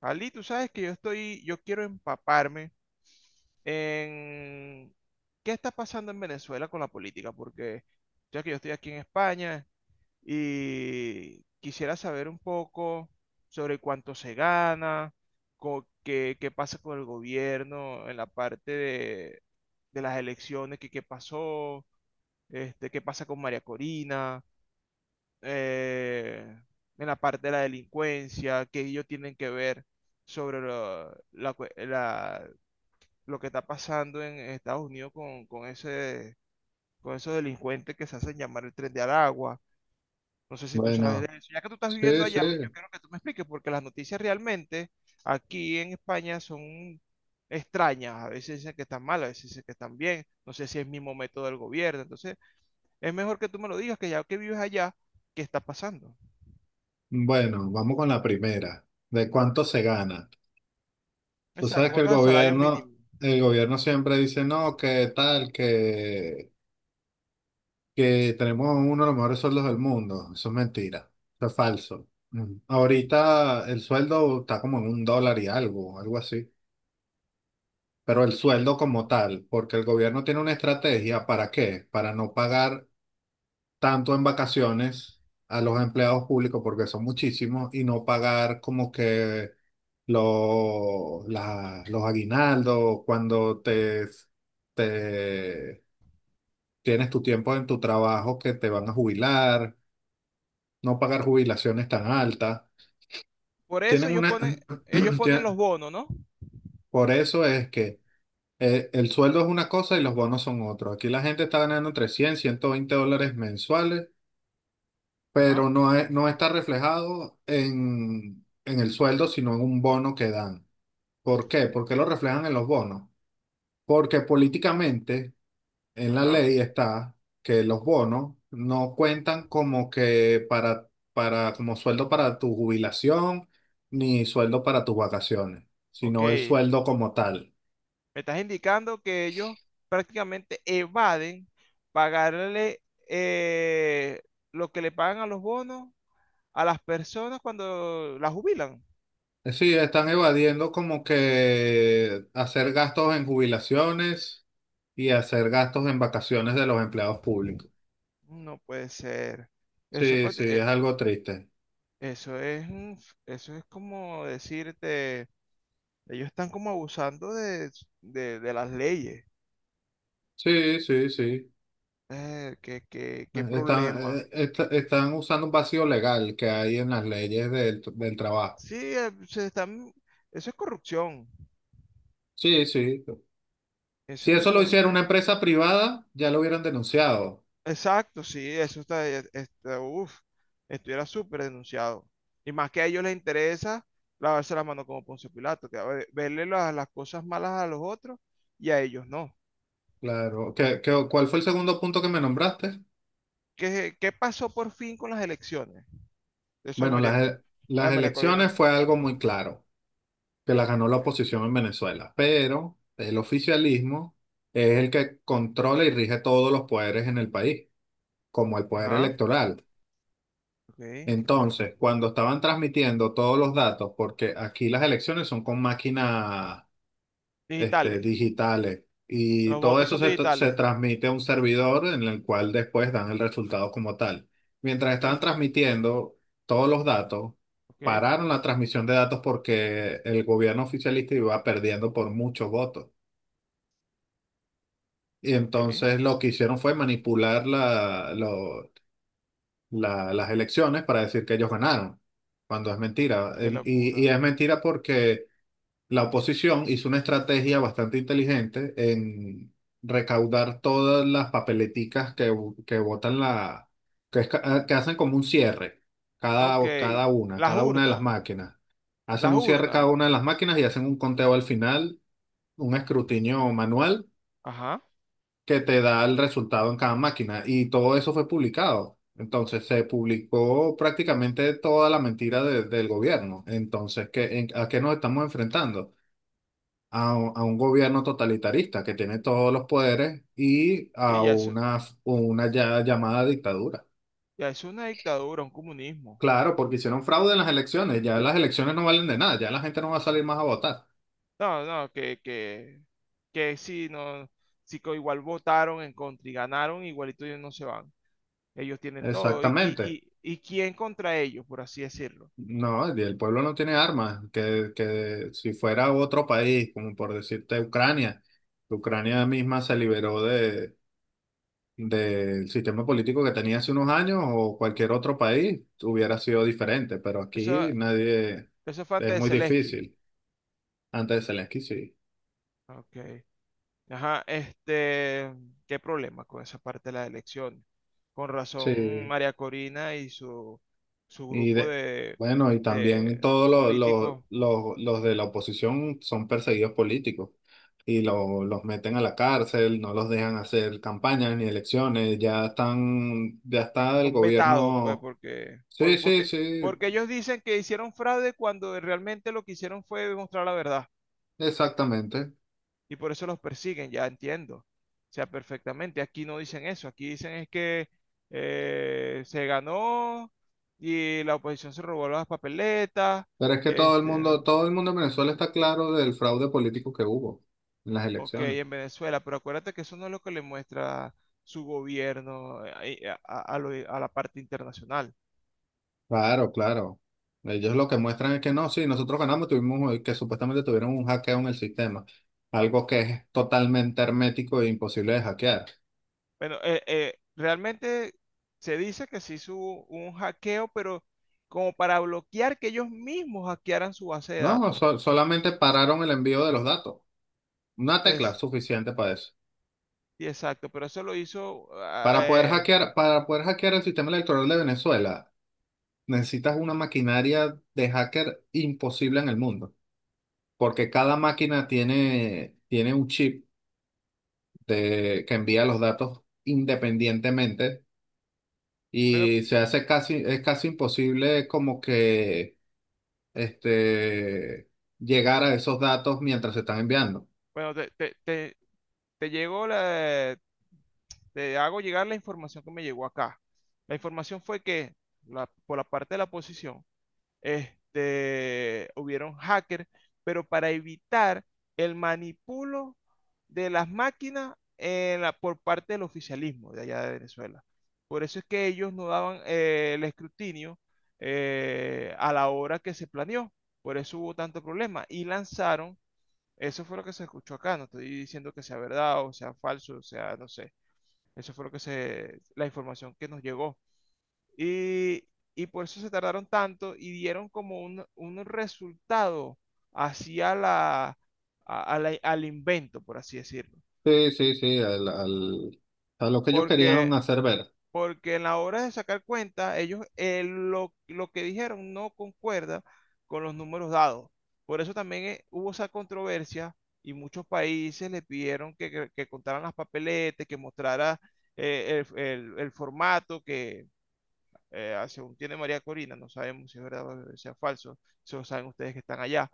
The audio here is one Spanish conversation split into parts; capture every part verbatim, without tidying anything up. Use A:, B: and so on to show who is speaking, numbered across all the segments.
A: Ali, tú sabes que yo estoy, yo quiero empaparme en qué está pasando en Venezuela con la política, porque ya que yo estoy aquí en España y quisiera saber un poco sobre cuánto se gana, co- qué, qué pasa con el gobierno en la parte de, de las elecciones, qué, qué pasó, este, qué pasa con María Corina, eh, en la parte de la delincuencia, que ellos tienen que ver sobre lo, la cue- la- lo que está pasando en Estados Unidos con, con ese, con esos delincuentes que se hacen llamar el Tren de Aragua. No sé si tú sabes
B: Bueno,
A: de eso. Ya que tú estás viviendo
B: sí, sí.
A: allá, yo quiero que tú me expliques, porque las noticias realmente aquí en España son extrañas. A veces dicen que están mal, a veces dicen que están bien. No sé si es el mismo método del gobierno. Entonces, es mejor que tú me lo digas, que ya que vives allá, ¿qué está pasando?
B: Bueno, vamos con la primera. ¿De cuánto se gana? Tú
A: Exacto,
B: sabes que
A: ¿cuánto
B: el
A: es el salario
B: gobierno,
A: mínimo?
B: el gobierno siempre dice, no, que tal, que, que tenemos uno de los mejores sueldos del mundo. Eso es mentira. Eso es falso. Mm. Ahorita el sueldo está como en un dólar y algo, algo así. Pero el sueldo como tal, porque el gobierno tiene una estrategia, ¿para qué? Para no pagar tanto en vacaciones a los empleados públicos porque son muchísimos y no pagar como que los, la- los aguinaldos cuando te, te tienes tu tiempo en tu trabajo que te van a jubilar, no pagar jubilaciones tan altas.
A: Por eso
B: Tienen
A: ellos
B: una,
A: ponen, ellos ponen los
B: tien-
A: bonos, ¿no?
B: por eso es que eh, el sueldo es una cosa y los bonos son otros. Aquí la gente está ganando entre cien y ciento veinte dólares mensuales,
A: Ajá,
B: pero no, es- no está reflejado en, en el sueldo, sino en un bono que dan. ¿Por qué? ¿Por qué lo reflejan en los bonos? Porque políticamente en la
A: ajá.
B: ley está que los bonos no cuentan como que para, para, como sueldo para tu jubilación ni sueldo para tus vacaciones,
A: Ok.
B: sino el
A: Me
B: sueldo como tal.
A: estás indicando que ellos prácticamente evaden pagarle eh, lo que le pagan a los bonos a las personas cuando las jubilan.
B: Sí, están evadiendo como que hacer gastos en jubilaciones y hacer gastos en vacaciones de los empleados públicos.
A: No puede ser. Eso, es
B: Sí,
A: prácti-
B: sí, es
A: eh,
B: algo triste.
A: eso es, mm, eso es como decirte, ellos están como abusando de, de- de las leyes.
B: Sí, sí, sí.
A: Eh, qué, qué- qué
B: Están,
A: problema.
B: eh, est- están usando un vacío legal que hay en las leyes del, del trabajo.
A: Sí, eh, se están, eso es corrupción.
B: Sí, sí. Si
A: Eso es una...
B: eso lo
A: lo-
B: hiciera una empresa privada, ya lo hubieran denunciado.
A: Exacto, sí, eso está, eh, está uff, estuviera súper denunciado. Y más que a ellos les interesa lavarse las manos como Poncio Pilato, que a ver, verle las, las cosas malas a los otros y a ellos no.
B: Claro. ¿Qué, qué- cuál fue el segundo punto que me nombraste?
A: ¿Qué, qué pasó por fin con las elecciones? Eso de
B: Bueno,
A: María,
B: las,
A: Co-
B: e-
A: la de
B: las
A: María Corina.
B: elecciones fue algo muy claro, que las ganó la
A: Ok.
B: oposición en Venezuela, pero el oficialismo es el que controla y rige todos los poderes en el país, como el poder
A: Ajá,
B: electoral.
A: ok.
B: Entonces, cuando estaban transmitiendo todos los datos, porque aquí las elecciones son con máquinas este,
A: Digitales.
B: digitales, y
A: Los
B: todo
A: votos
B: eso
A: son
B: se, tra- se
A: digitales.
B: transmite a un servidor en el cual después dan el resultado como tal. Mientras
A: Ok,
B: estaban transmitiendo todos los datos,
A: ok,
B: pararon la transmisión de datos porque el gobierno oficialista iba perdiendo por muchos votos. Y
A: ok.
B: entonces lo que hicieron fue manipular la lo- la- las elecciones para decir que ellos ganaron, cuando es mentira.
A: Qué
B: El- y, y
A: locura.
B: es mentira porque la oposición hizo una estrategia bastante inteligente en recaudar todas las papeleticas que, que votan la, que, es ca- ah, que hacen como un cierre, cada,
A: Ok.
B: cada una,
A: Las
B: cada una de las
A: urnas,
B: máquinas. Hacen
A: las
B: un cierre cada
A: urnas.
B: una de las máquinas y hacen un conteo al final, un escrutinio manual
A: Ajá.
B: que te da el resultado en cada máquina. Y todo eso fue publicado. Entonces se publicó prácticamente toda la mentira de- del gobierno. Entonces, ¿qué, en- ¿a qué nos estamos enfrentando? A, un a un gobierno totalitarista que tiene todos los poderes y
A: Y
B: a
A: ya es,
B: una, una ya llamada dictadura.
A: ya es una dictadura, un comunismo.
B: Claro, porque hicieron fraude en las elecciones. Ya las elecciones no valen de nada. Ya la gente no va a salir más a votar.
A: No, no, que, que, que si no, si que igual votaron en contra y ganaron, igualito ellos no se van. Ellos tienen todo. ¿Y, qui-
B: Exactamente.
A: y, y quién contra ellos, por así decirlo?
B: No, y el pueblo no tiene armas, que, que si fuera otro país, como por decirte Ucrania, Ucrania, misma se liberó de, del sistema político que tenía hace unos años, o cualquier otro país hubiera sido diferente, pero
A: Eso,
B: aquí nadie,
A: eso fue
B: es
A: antes de
B: muy
A: Zelensky.
B: difícil. Antes de Zelensky, sí.
A: Ok. Ajá, este, ¿qué problema con esa parte de las elecciones? Con razón,
B: Sí.
A: María Corina y su, su
B: Y
A: grupo
B: de,
A: de,
B: bueno, y también
A: de
B: todos los, los,
A: políticos
B: los, los de la oposición son perseguidos políticos y lo- los meten a la cárcel, no los dejan hacer campañas ni elecciones, ya están, ya está el
A: son vetados, pues,
B: gobierno.
A: porque, por-
B: Sí, sí,
A: porque,
B: sí,
A: porque ellos dicen que hicieron fraude cuando realmente lo que hicieron fue demostrar la verdad
B: exactamente.
A: y por eso los persiguen, ya entiendo. O sea, perfectamente, aquí no dicen eso, aquí dicen es que eh, se ganó y la oposición se robó las papeletas,
B: Pero es que todo el
A: este,
B: mundo, todo el mundo en Venezuela está claro del fraude político que hubo en las
A: ok,
B: elecciones.
A: en Venezuela, pero acuérdate que eso no es lo que le muestra su gobierno eh, a a- a lo- a la parte internacional.
B: Claro, claro. Ellos lo que muestran es que no, sí, nosotros ganamos, tuvimos eh, que supuestamente tuvieron un hackeo en el sistema, algo que es totalmente hermético e imposible de hackear.
A: Bueno, eh, eh, realmente se dice que se hizo un hackeo, pero como para bloquear que ellos mismos hackearan su base de
B: No,
A: datos.
B: so- solamente pararon el envío de los datos. Una tecla
A: Es,
B: suficiente para eso.
A: sí, exacto, pero eso lo hizo. Ah,
B: Para poder
A: eh,
B: hackear, para poder hackear el sistema electoral de Venezuela, necesitas una maquinaria de hacker imposible en el mundo, porque cada máquina tiene, tiene un chip de, que envía los datos independientemente,
A: bueno,
B: y se hace casi, es casi imposible como que este, llegar a esos datos mientras se están enviando.
A: bueno, te, te, te- te llegó la. Te hago llegar la información que me llegó acá. La información fue que, la- por la parte de la oposición, este, hubieron hackers, pero para evitar el manipulo de las máquinas en la- por parte del oficialismo de allá de Venezuela. Por eso es que ellos no daban eh, el escrutinio eh, a la hora que se planeó. Por eso hubo tanto problema. Y lanzaron, eso fue lo que se escuchó acá, no estoy diciendo que sea verdad o sea falso, o sea, no sé. Eso fue lo que se, la información que nos llegó. Y, y por eso se tardaron tanto y dieron como un, un resultado hacia la, a- a la- al invento, por así decirlo.
B: Sí, sí, sí, al, al- a lo que ellos querían
A: Porque,
B: hacer ver.
A: porque en la hora de sacar cuenta, ellos eh, lo, lo que dijeron no concuerda con los números dados. Por eso también eh, hubo esa controversia y muchos países le pidieron que, que- que contaran las papeletas, que mostrara eh, el, el- el formato, que eh, ah, según tiene María Corina, no sabemos si es verdad o sea falso, eso saben ustedes que están allá,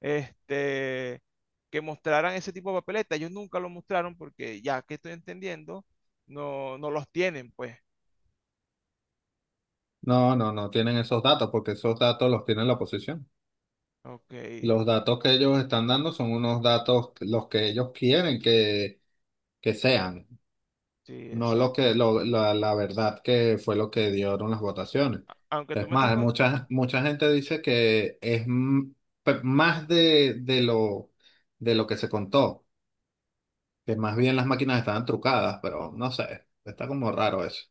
A: este, que mostraran ese tipo de papeleta. Ellos nunca lo mostraron porque ya que estoy entendiendo, no, no los tienen, pues.
B: No, no, no tienen esos datos porque esos datos los tiene la oposición.
A: Ok,
B: Los datos que ellos están dando son unos datos que- los que ellos quieren que, que sean.
A: sí,
B: No lo que
A: exacto.
B: lo- la, la verdad que fue lo que dieron las votaciones.
A: Aunque tú
B: Es
A: me estás
B: más,
A: con...
B: mucha, mucha gente dice que es m- pe- más de, de lo, de lo que se contó, que más
A: o-
B: bien las máquinas estaban trucadas, pero no sé, está como raro eso.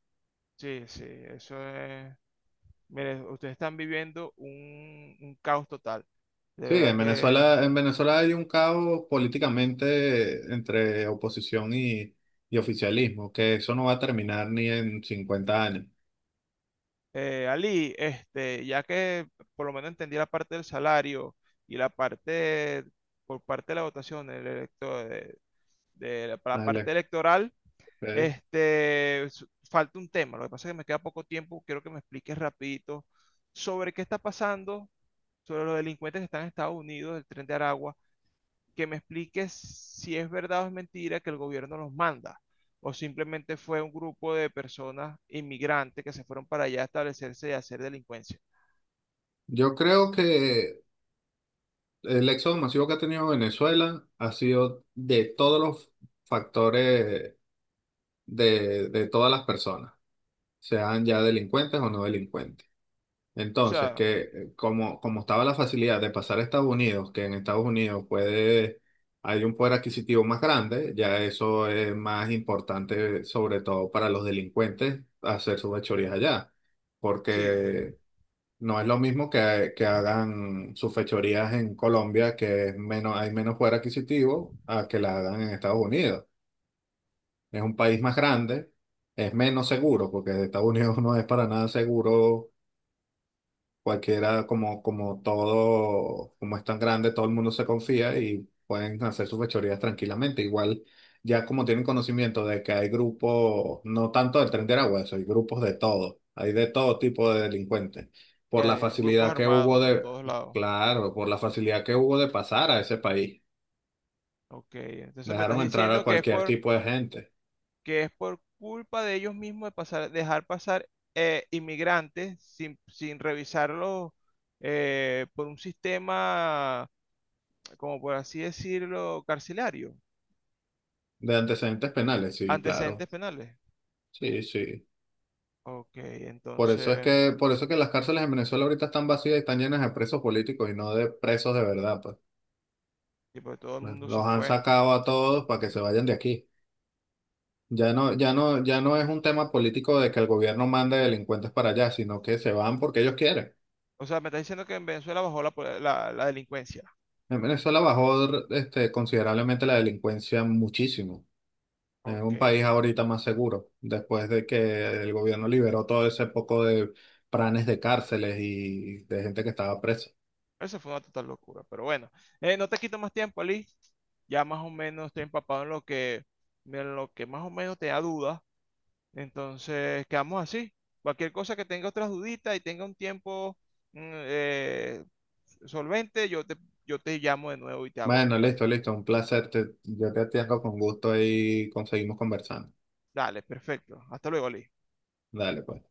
A: Sí, sí, eso es... Mire, ustedes están viviendo un, un caos total. De
B: Sí,
A: verdad
B: en
A: que
B: Venezuela, en Venezuela hay un caos políticamente entre oposición y, y oficialismo, que eso no va a terminar ni en cincuenta años.
A: eh, Ali, este, ya que por lo menos entendí la parte del salario y la parte por parte de la votación el electo- de, de la, para la parte
B: Dale,
A: electoral,
B: ok.
A: este, s- falta un tema. Lo que pasa es que me queda poco tiempo. Quiero que me expliques rapidito sobre qué está pasando, sobre los delincuentes que están en Estados Unidos, del Tren de Aragua, que me expliques si es verdad o es mentira que el gobierno los manda, o simplemente fue un grupo de personas inmigrantes que se fueron para allá a establecerse y a hacer delincuencia.
B: Yo creo que El éxodo masivo que ha tenido Venezuela ha sido de todos los factores de, de todas las personas, sean ya delincuentes o no delincuentes.
A: O
B: Entonces,
A: sea,
B: que eh, como, como estaba la facilidad de pasar a Estados Unidos, que en Estados Unidos puede, hay un poder adquisitivo más grande, ya eso es más importante, sobre todo para los delincuentes, hacer sus fechorías allá,
A: sí,
B: porque no es lo mismo que, que hagan sus fechorías en Colombia, que es menos, hay menos poder adquisitivo, a que la hagan en Estados Unidos. Es un país más grande, es menos seguro, porque Estados Unidos no es para nada seguro. Cualquiera, como, como todo, como es tan grande, todo el mundo se confía y pueden hacer sus fechorías tranquilamente. Igual, ya como tienen conocimiento de que hay grupos, no tanto del Tren de Aragua, eso, hay grupos de todo, hay de todo tipo de delincuentes.
A: sí
B: Por la
A: hay grupos
B: facilidad que
A: armados
B: hubo
A: por
B: de,
A: todos lados.
B: claro, por la facilidad que hubo de pasar a ese país.
A: Ok, entonces me estás
B: Dejaron entrar a
A: diciendo que es
B: cualquier
A: por,
B: tipo de gente,
A: que es por culpa de ellos mismos de pasar, dejar pasar eh, inmigrantes sin, sin revisarlos eh, por un sistema, como por así decirlo, carcelario,
B: de antecedentes penales, sí, claro,
A: antecedentes penales.
B: sí, sí.
A: Ok,
B: Por eso es
A: entonces,
B: que, por eso es que las cárceles en Venezuela ahorita están vacías y están llenas de presos políticos y no de presos de verdad, pues.
A: tipo, todo el mundo
B: Los
A: se
B: han
A: fue.
B: sacado a todos para que
A: Ujú.
B: se vayan de aquí. Ya no, ya no, ya no es un tema político de que el gobierno mande delincuentes para allá, sino que se van porque ellos quieren.
A: O sea, me estás diciendo que en Venezuela bajó la, po- la la delincuencia.
B: En Venezuela bajó, este, considerablemente la delincuencia muchísimo. Es
A: Ok.
B: un país ahorita más seguro, después de que el gobierno liberó todo ese poco de planes de cárceles y de gente que estaba presa.
A: Eso fue una total locura, pero bueno, eh, no te quito más tiempo, Ali. Ya más o menos estoy empapado en lo que, en lo que más o menos te da dudas. Entonces, quedamos así. Cualquier cosa que tenga otras duditas y tenga un tiempo mm, eh, solvente, yo te, yo te llamo de nuevo y te hago.
B: Bueno,
A: eh,
B: listo, listo. Un placer. Te- yo te atiendo con gusto y conseguimos conversando.
A: Dale, perfecto. Hasta luego, Ali.
B: Dale, pues.